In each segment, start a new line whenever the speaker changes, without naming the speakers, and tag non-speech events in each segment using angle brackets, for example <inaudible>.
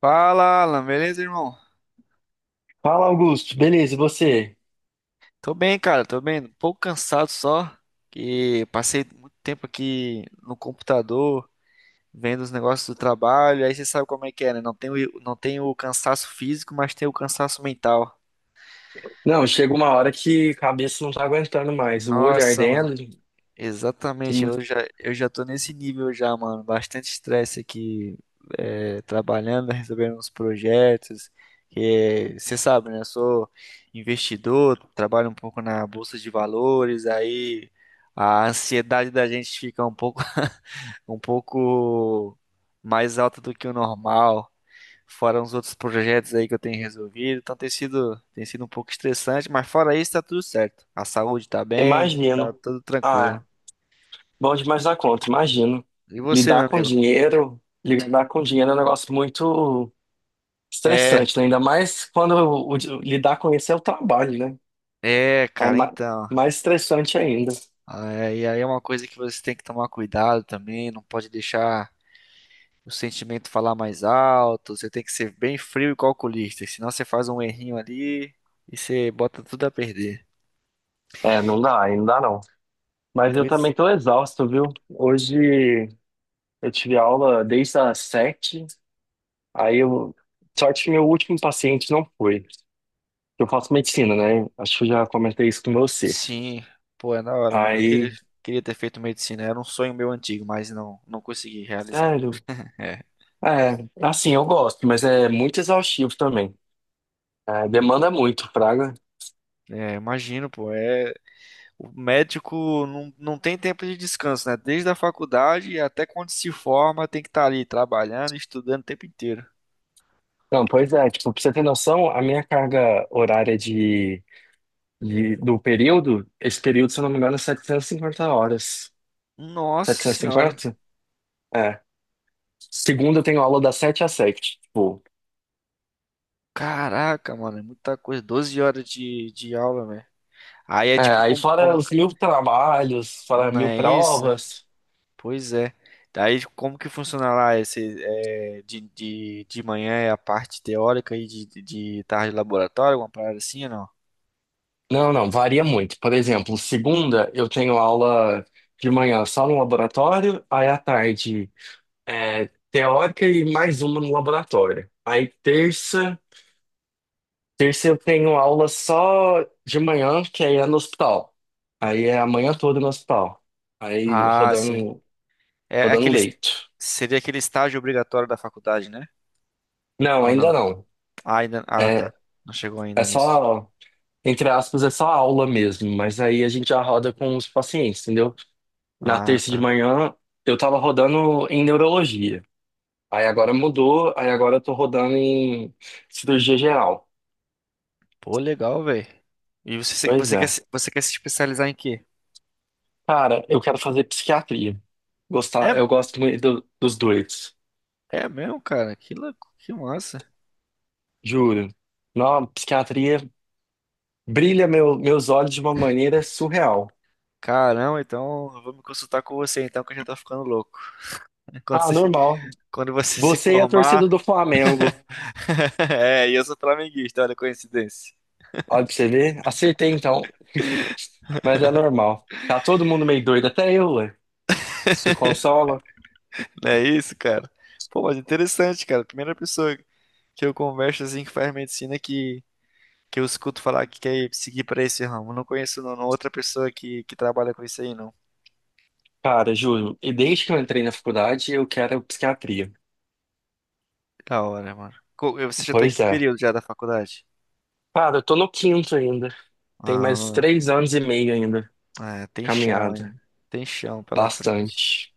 Fala, Alan, beleza, irmão?
Fala, Augusto. Beleza, e você?
Tô bem, cara, tô bem. Um pouco cansado só, que passei muito tempo aqui no computador, vendo os negócios do trabalho. Aí você sabe como é que é, né? Não tem o cansaço físico, mas tem o cansaço mental.
Não, chega uma hora que a cabeça não tá aguentando mais. O olho
Nossa,
ardendo.
exatamente, eu já tô nesse nível já, mano. Bastante estresse aqui, é, trabalhando, <laughs> resolvendo uns projetos. Que você sabe, né? Eu sou investidor, trabalho um pouco na bolsa de valores, aí a ansiedade da gente fica um pouco, <laughs> um pouco mais alta do que o normal. Fora uns outros projetos aí que eu tenho resolvido, então tem sido um pouco estressante, mas fora isso tá tudo certo. A saúde tá bem, tá
Imagino.
tudo tranquilo.
Ah, bom demais da conta, imagino.
E você, meu amigo?
Lidar com dinheiro é um negócio muito
É,
estressante, né? Ainda mais quando lidar com isso é o trabalho, né?
é,
É
cara, então.
mais estressante ainda.
É, e aí é uma coisa que você tem que tomar cuidado também, não pode deixar o sentimento falar mais alto, você tem que ser bem frio e calculista, senão você faz um errinho ali e você bota tudo a perder.
É, não dá, ainda dá não. Mas eu
Pois
também tô exausto, viu? Hoje eu tive aula desde as 7. Aí eu. Sorte que meu último paciente não foi. Eu faço medicina, né? Acho que eu já comentei isso com você.
sim, pô, é da hora, mano. Eu queria,
Aí,
queria ter feito medicina, era um sonho meu antigo, mas não consegui realizar.
sério.
É,
É, assim, eu gosto, mas é muito exaustivo também. É, demanda muito, praga.
é, imagino, pô, é. O médico não tem tempo de descanso, né? Desde a faculdade até quando se forma, tem que estar ali trabalhando, estudando o tempo inteiro.
Não, pois é, tipo, pra você ter noção, a minha carga horária do período, esse período, se eu não me engano, é 750 horas. Setecentas
Nossa
e
senhora.
cinquenta? É. Segunda eu tenho aula das 7 às 7. Tipo.
Caraca, mano, é muita coisa. 12 horas de aula, velho. Aí é
É,
tipo,
aí
como,
fora
como.
os mil trabalhos, fora
Não
mil
é isso?
provas.
Pois é. Daí como que funciona lá esse, é, de manhã é a parte teórica e de tarde laboratório, alguma parada assim ou não?
Não, não, varia muito. Por exemplo, segunda eu tenho aula de manhã só no laboratório, aí à tarde é, teórica e mais uma no laboratório. Aí terça, terça eu tenho aula só de manhã, que aí é no hospital. Aí é a manhã toda no hospital. Aí
Ah, sim.
rodando,
É
rodando
aquele,
leito.
seria aquele estágio obrigatório da faculdade, né?
Não,
Ou não?
ainda não.
Ah, ainda, ah,
É,
tá. Não chegou
é
ainda nisso.
só, entre aspas, é só aula mesmo, mas aí a gente já roda com os pacientes, entendeu? Na
Ah,
terça de
tá.
manhã, eu tava rodando em neurologia. Aí agora mudou, aí agora eu tô rodando em cirurgia geral.
Pô, legal, velho. E você,
Pois é.
você quer se especializar em quê?
Cara, eu quero fazer psiquiatria.
É,
Gostar, eu gosto muito dos dois,
é mesmo, cara? Que louco, que massa.
juro. Não, psiquiatria brilha meus olhos de uma maneira surreal.
Caramba, então eu vou me consultar com você, então, que eu já tô ficando louco. <laughs> Quando
Ah,
você,
normal.
quando você se
Você e a
formar.
torcida do Flamengo.
<laughs> É, e eu sou flamenguista, olha a coincidência.
Olha pra você ver. Acertei então, <laughs> mas é normal. Tá todo mundo meio doido, até eu, ué. Se consola.
Não é isso, cara? Pô, mas interessante, cara. Primeira pessoa que eu converso assim que faz medicina que eu escuto falar que quer seguir para esse ramo. Não conheço não, não, é outra pessoa que trabalha com isso aí, não.
Cara, juro, e desde que eu entrei na faculdade, eu quero psiquiatria.
Da hora, mano. Você já tá em
Pois
que
é.
período já da faculdade?
Cara, eu tô no quinto ainda. Tem mais
Ah,
3 anos e meio ainda.
é, tem chão
Caminhada.
ainda. Tem chão pela frente.
Bastante.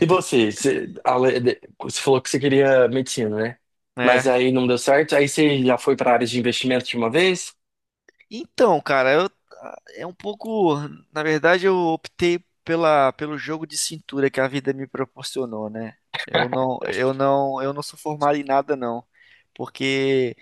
E você? Você, você falou que você queria medicina, né? Mas
É.
aí não deu certo. Aí você já foi pra área de investimento de uma vez?
Então, cara, eu é um pouco, na verdade, eu optei pela pelo jogo de cintura que a vida me proporcionou, né? Eu não sou formado em nada não, porque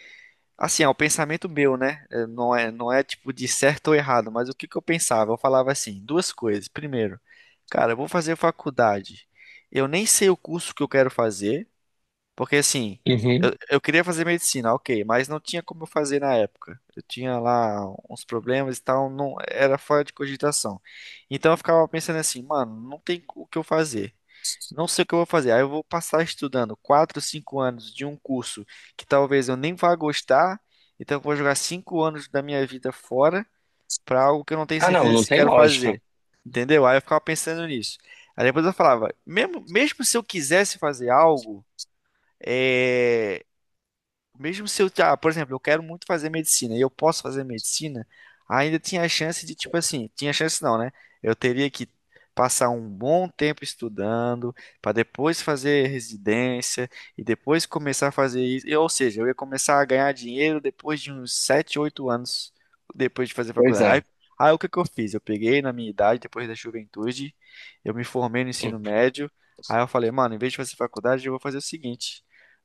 assim, é o pensamento meu, né? É, Não é, não
<laughs>
é tipo de certo ou errado, mas o que que eu pensava? Eu falava assim, duas coisas. Primeiro, cara, eu vou fazer faculdade. Eu nem sei o curso que eu quero fazer. Porque assim, eu,
Uhum.
eu queria fazer medicina, ok, mas não tinha como eu fazer na época. Eu tinha lá uns problemas e tal, não era fora de cogitação. Então eu ficava pensando assim, mano, não tem o que eu fazer. Não sei o que eu vou fazer. Aí eu vou passar estudando 4 5 anos de um curso que talvez eu nem vá gostar. Então eu vou jogar 5 anos da minha vida fora para algo que eu não tenho
Ah, não,
certeza
não
se
tem
quero
lógica.
fazer. Entendeu? Aí eu ficava pensando nisso. Aí depois eu falava, mesmo, mesmo se eu quisesse fazer algo, é, mesmo se eu, ah, por exemplo, eu quero muito fazer medicina e eu posso fazer medicina, ainda tinha a chance de, tipo assim, tinha chance não, né? Eu teria que passar um bom tempo estudando para depois fazer residência e depois começar a fazer isso. Ou seja, eu ia começar a ganhar dinheiro depois de uns 7, 8 anos depois de fazer
Pois
faculdade. Aí,
é.
aí o que que eu fiz? Eu peguei na minha idade, depois da juventude, eu me formei no ensino
Hum.
médio. Aí eu falei, mano, em vez de fazer faculdade, eu vou fazer o seguinte.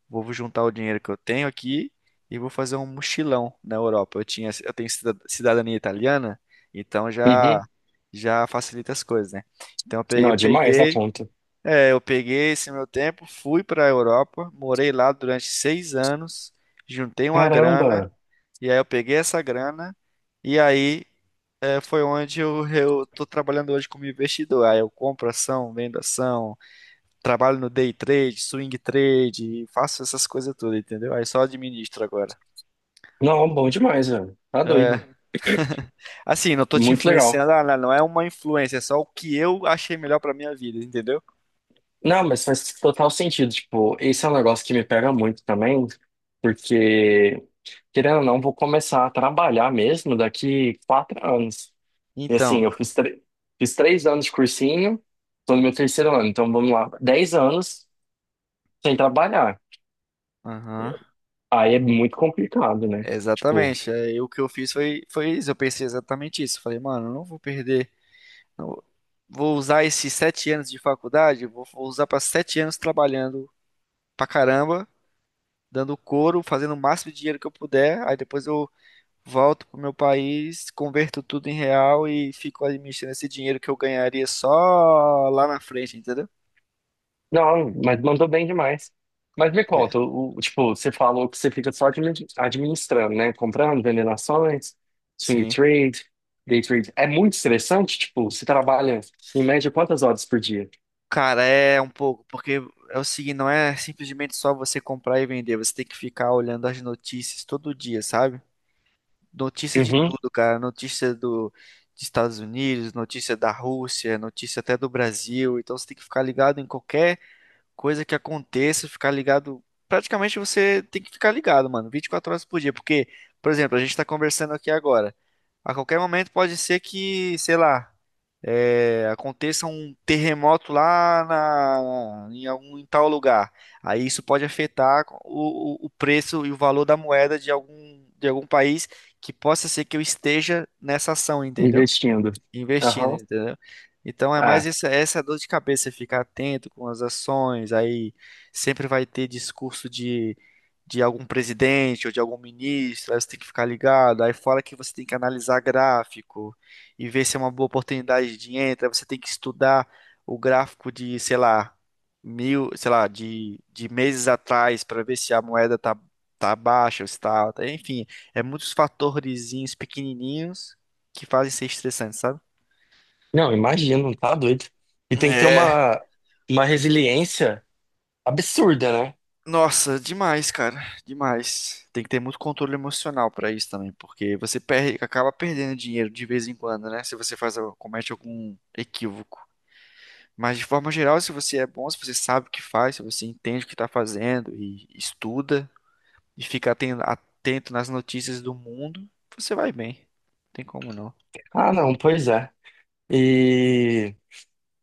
Vou juntar o dinheiro que eu tenho aqui e vou fazer um mochilão na Europa. Eu tenho cidadania italiana, então já
Uhum.
já facilita as coisas, né? Então
Não, é demais da conta.
eu peguei esse meu tempo, fui para a Europa, morei lá durante 6 anos, juntei uma grana
Caramba!
e aí eu peguei essa grana e aí é, foi onde eu tô trabalhando hoje como investidor. Aí eu compro ação, vendo ação, trabalho no day trade, swing trade, faço essas coisas todas, entendeu? Aí só administro agora.
Não, bom demais, velho. Tá doido.
É, assim, não tô te
Muito legal.
influenciando, ah, não é uma influência, é só o que eu achei melhor pra minha vida, entendeu?
Não, mas faz total sentido. Tipo, esse é um negócio que me pega muito também, porque, querendo ou não, vou começar a trabalhar mesmo daqui 4 anos. E assim,
Então,
eu fiz, fiz 3 anos de cursinho, tô no meu terceiro ano, então vamos lá, 10 anos sem trabalhar.
aham,
Aí é muito complicado, né? Tipo.
exatamente. Aí o que eu fiz foi, isso, eu pensei exatamente isso. Falei, mano, eu não vou perder, não- vou usar esses 7 anos de faculdade, vou usar pra 7 anos trabalhando pra caramba, dando couro, fazendo o máximo de dinheiro que eu puder, aí depois eu volto pro meu país, converto tudo em real e fico administrando esse dinheiro que eu ganharia só lá na frente, entendeu?
Não, mas mandou bem demais. Mas me
Pois,
conta, tipo, você falou que você fica só administrando, né? Comprando, vendendo ações, swing
sim.
trade, day trade. É muito estressante, tipo, você trabalha em média quantas horas por dia?
Cara, é um pouco, porque é o seguinte, não é simplesmente só você comprar e vender, você tem que ficar olhando as notícias todo dia, sabe? Notícia de
Uhum,
tudo, cara, notícia do dos Estados Unidos, notícia da Rússia, notícia até do Brasil, então você tem que ficar ligado em qualquer coisa que aconteça, ficar ligado. Praticamente você tem que ficar ligado, mano, 24 horas por dia, porque, por exemplo, a gente tá conversando aqui agora. A qualquer momento pode ser que, sei lá, é, aconteça um terremoto lá na, em algum em tal lugar. Aí isso pode afetar o preço e o valor da moeda de algum país que possa ser que eu esteja nessa ação, entendeu?
investindo.
Investindo,
Aham.
entendeu? Então é
Ah,
mais essa dor de cabeça, ficar atento com as ações, aí sempre vai ter discurso de algum presidente ou de algum ministro, aí você tem que ficar ligado, aí fala que você tem que analisar gráfico e ver se é uma boa oportunidade de entra, aí você tem que estudar o gráfico de, sei lá, mil, sei lá, de meses atrás para ver se a moeda tá, tá baixa ou se tá alta, enfim, é muitos fatores pequenininhos que fazem ser estressante, sabe?
não, imagino, tá doido. E tem que ter
É,
uma resiliência absurda, né?
nossa, demais, cara, demais. Tem que ter muito controle emocional pra isso também, porque você perde, acaba perdendo dinheiro de vez em quando, né? Se você comete algum equívoco. Mas de forma geral, se você é bom, se você sabe o que faz, se você entende o que tá fazendo e estuda e fica atento nas notícias do mundo, você vai bem. Não tem como não.
Ah, não, pois é. E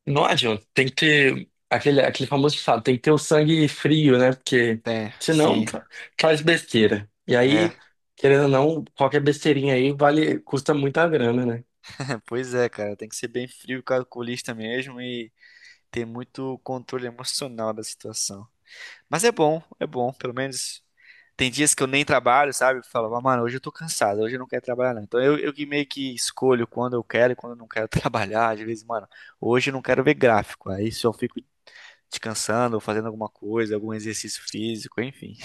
Não adianta, tem que ter aquele, aquele famoso ditado, tem que ter o sangue frio, né? Porque
Tem,
senão
sim,
faz besteira. E aí,
é.
querendo ou não, qualquer besteirinha aí vale, custa muita grana, né?
<laughs> Pois é, cara, tem que ser bem frio, calculista mesmo e ter muito controle emocional da situação. Mas é bom, pelo menos. Tem dias que eu nem trabalho, sabe? Eu falo: "Ah, mano, hoje eu tô cansado, hoje eu não quero trabalhar, não." Então eu que meio que escolho quando eu quero e quando eu não quero <laughs> trabalhar. Às vezes, mano, hoje eu não quero ver gráfico. Aí só fico descansando, ou fazendo alguma coisa, algum exercício físico, enfim.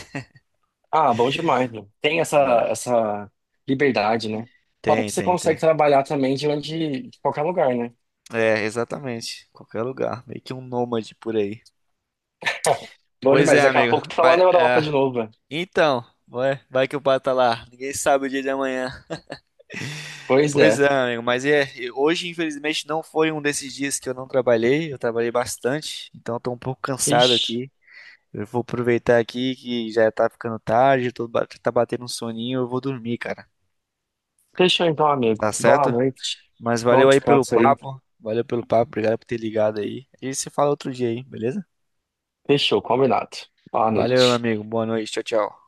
Ah, bom demais, né? Tem essa,
É.
essa liberdade, né? Fora que
Tem,
você
tem,
consegue
tem.
trabalhar também de onde, de qualquer lugar, né?
É, exatamente. Qualquer lugar. Meio que um nômade por aí.
<laughs> Bom
Pois é,
demais, daqui a
amigo.
pouco tá lá
Mas,
na Europa de
é,
novo, velho.
então, vai, vai que o pato tá lá. Ninguém sabe o dia de amanhã.
Pois
Pois
é.
é, amigo, mas é, hoje infelizmente não foi um desses dias que eu não trabalhei, eu trabalhei bastante, então estou um pouco cansado
Ixi,
aqui. Eu vou aproveitar aqui que já tá ficando tarde, tá batendo um soninho, eu vou dormir, cara.
fechou então, amigo.
Tá
Boa
certo?
noite.
Mas
Bom
valeu aí pelo
descanso aí.
papo, valeu pelo papo, obrigado por ter ligado aí. A gente se fala outro dia aí, beleza?
Fechou, combinado. Boa
Valeu, meu
noite.
amigo, boa noite, tchau, tchau.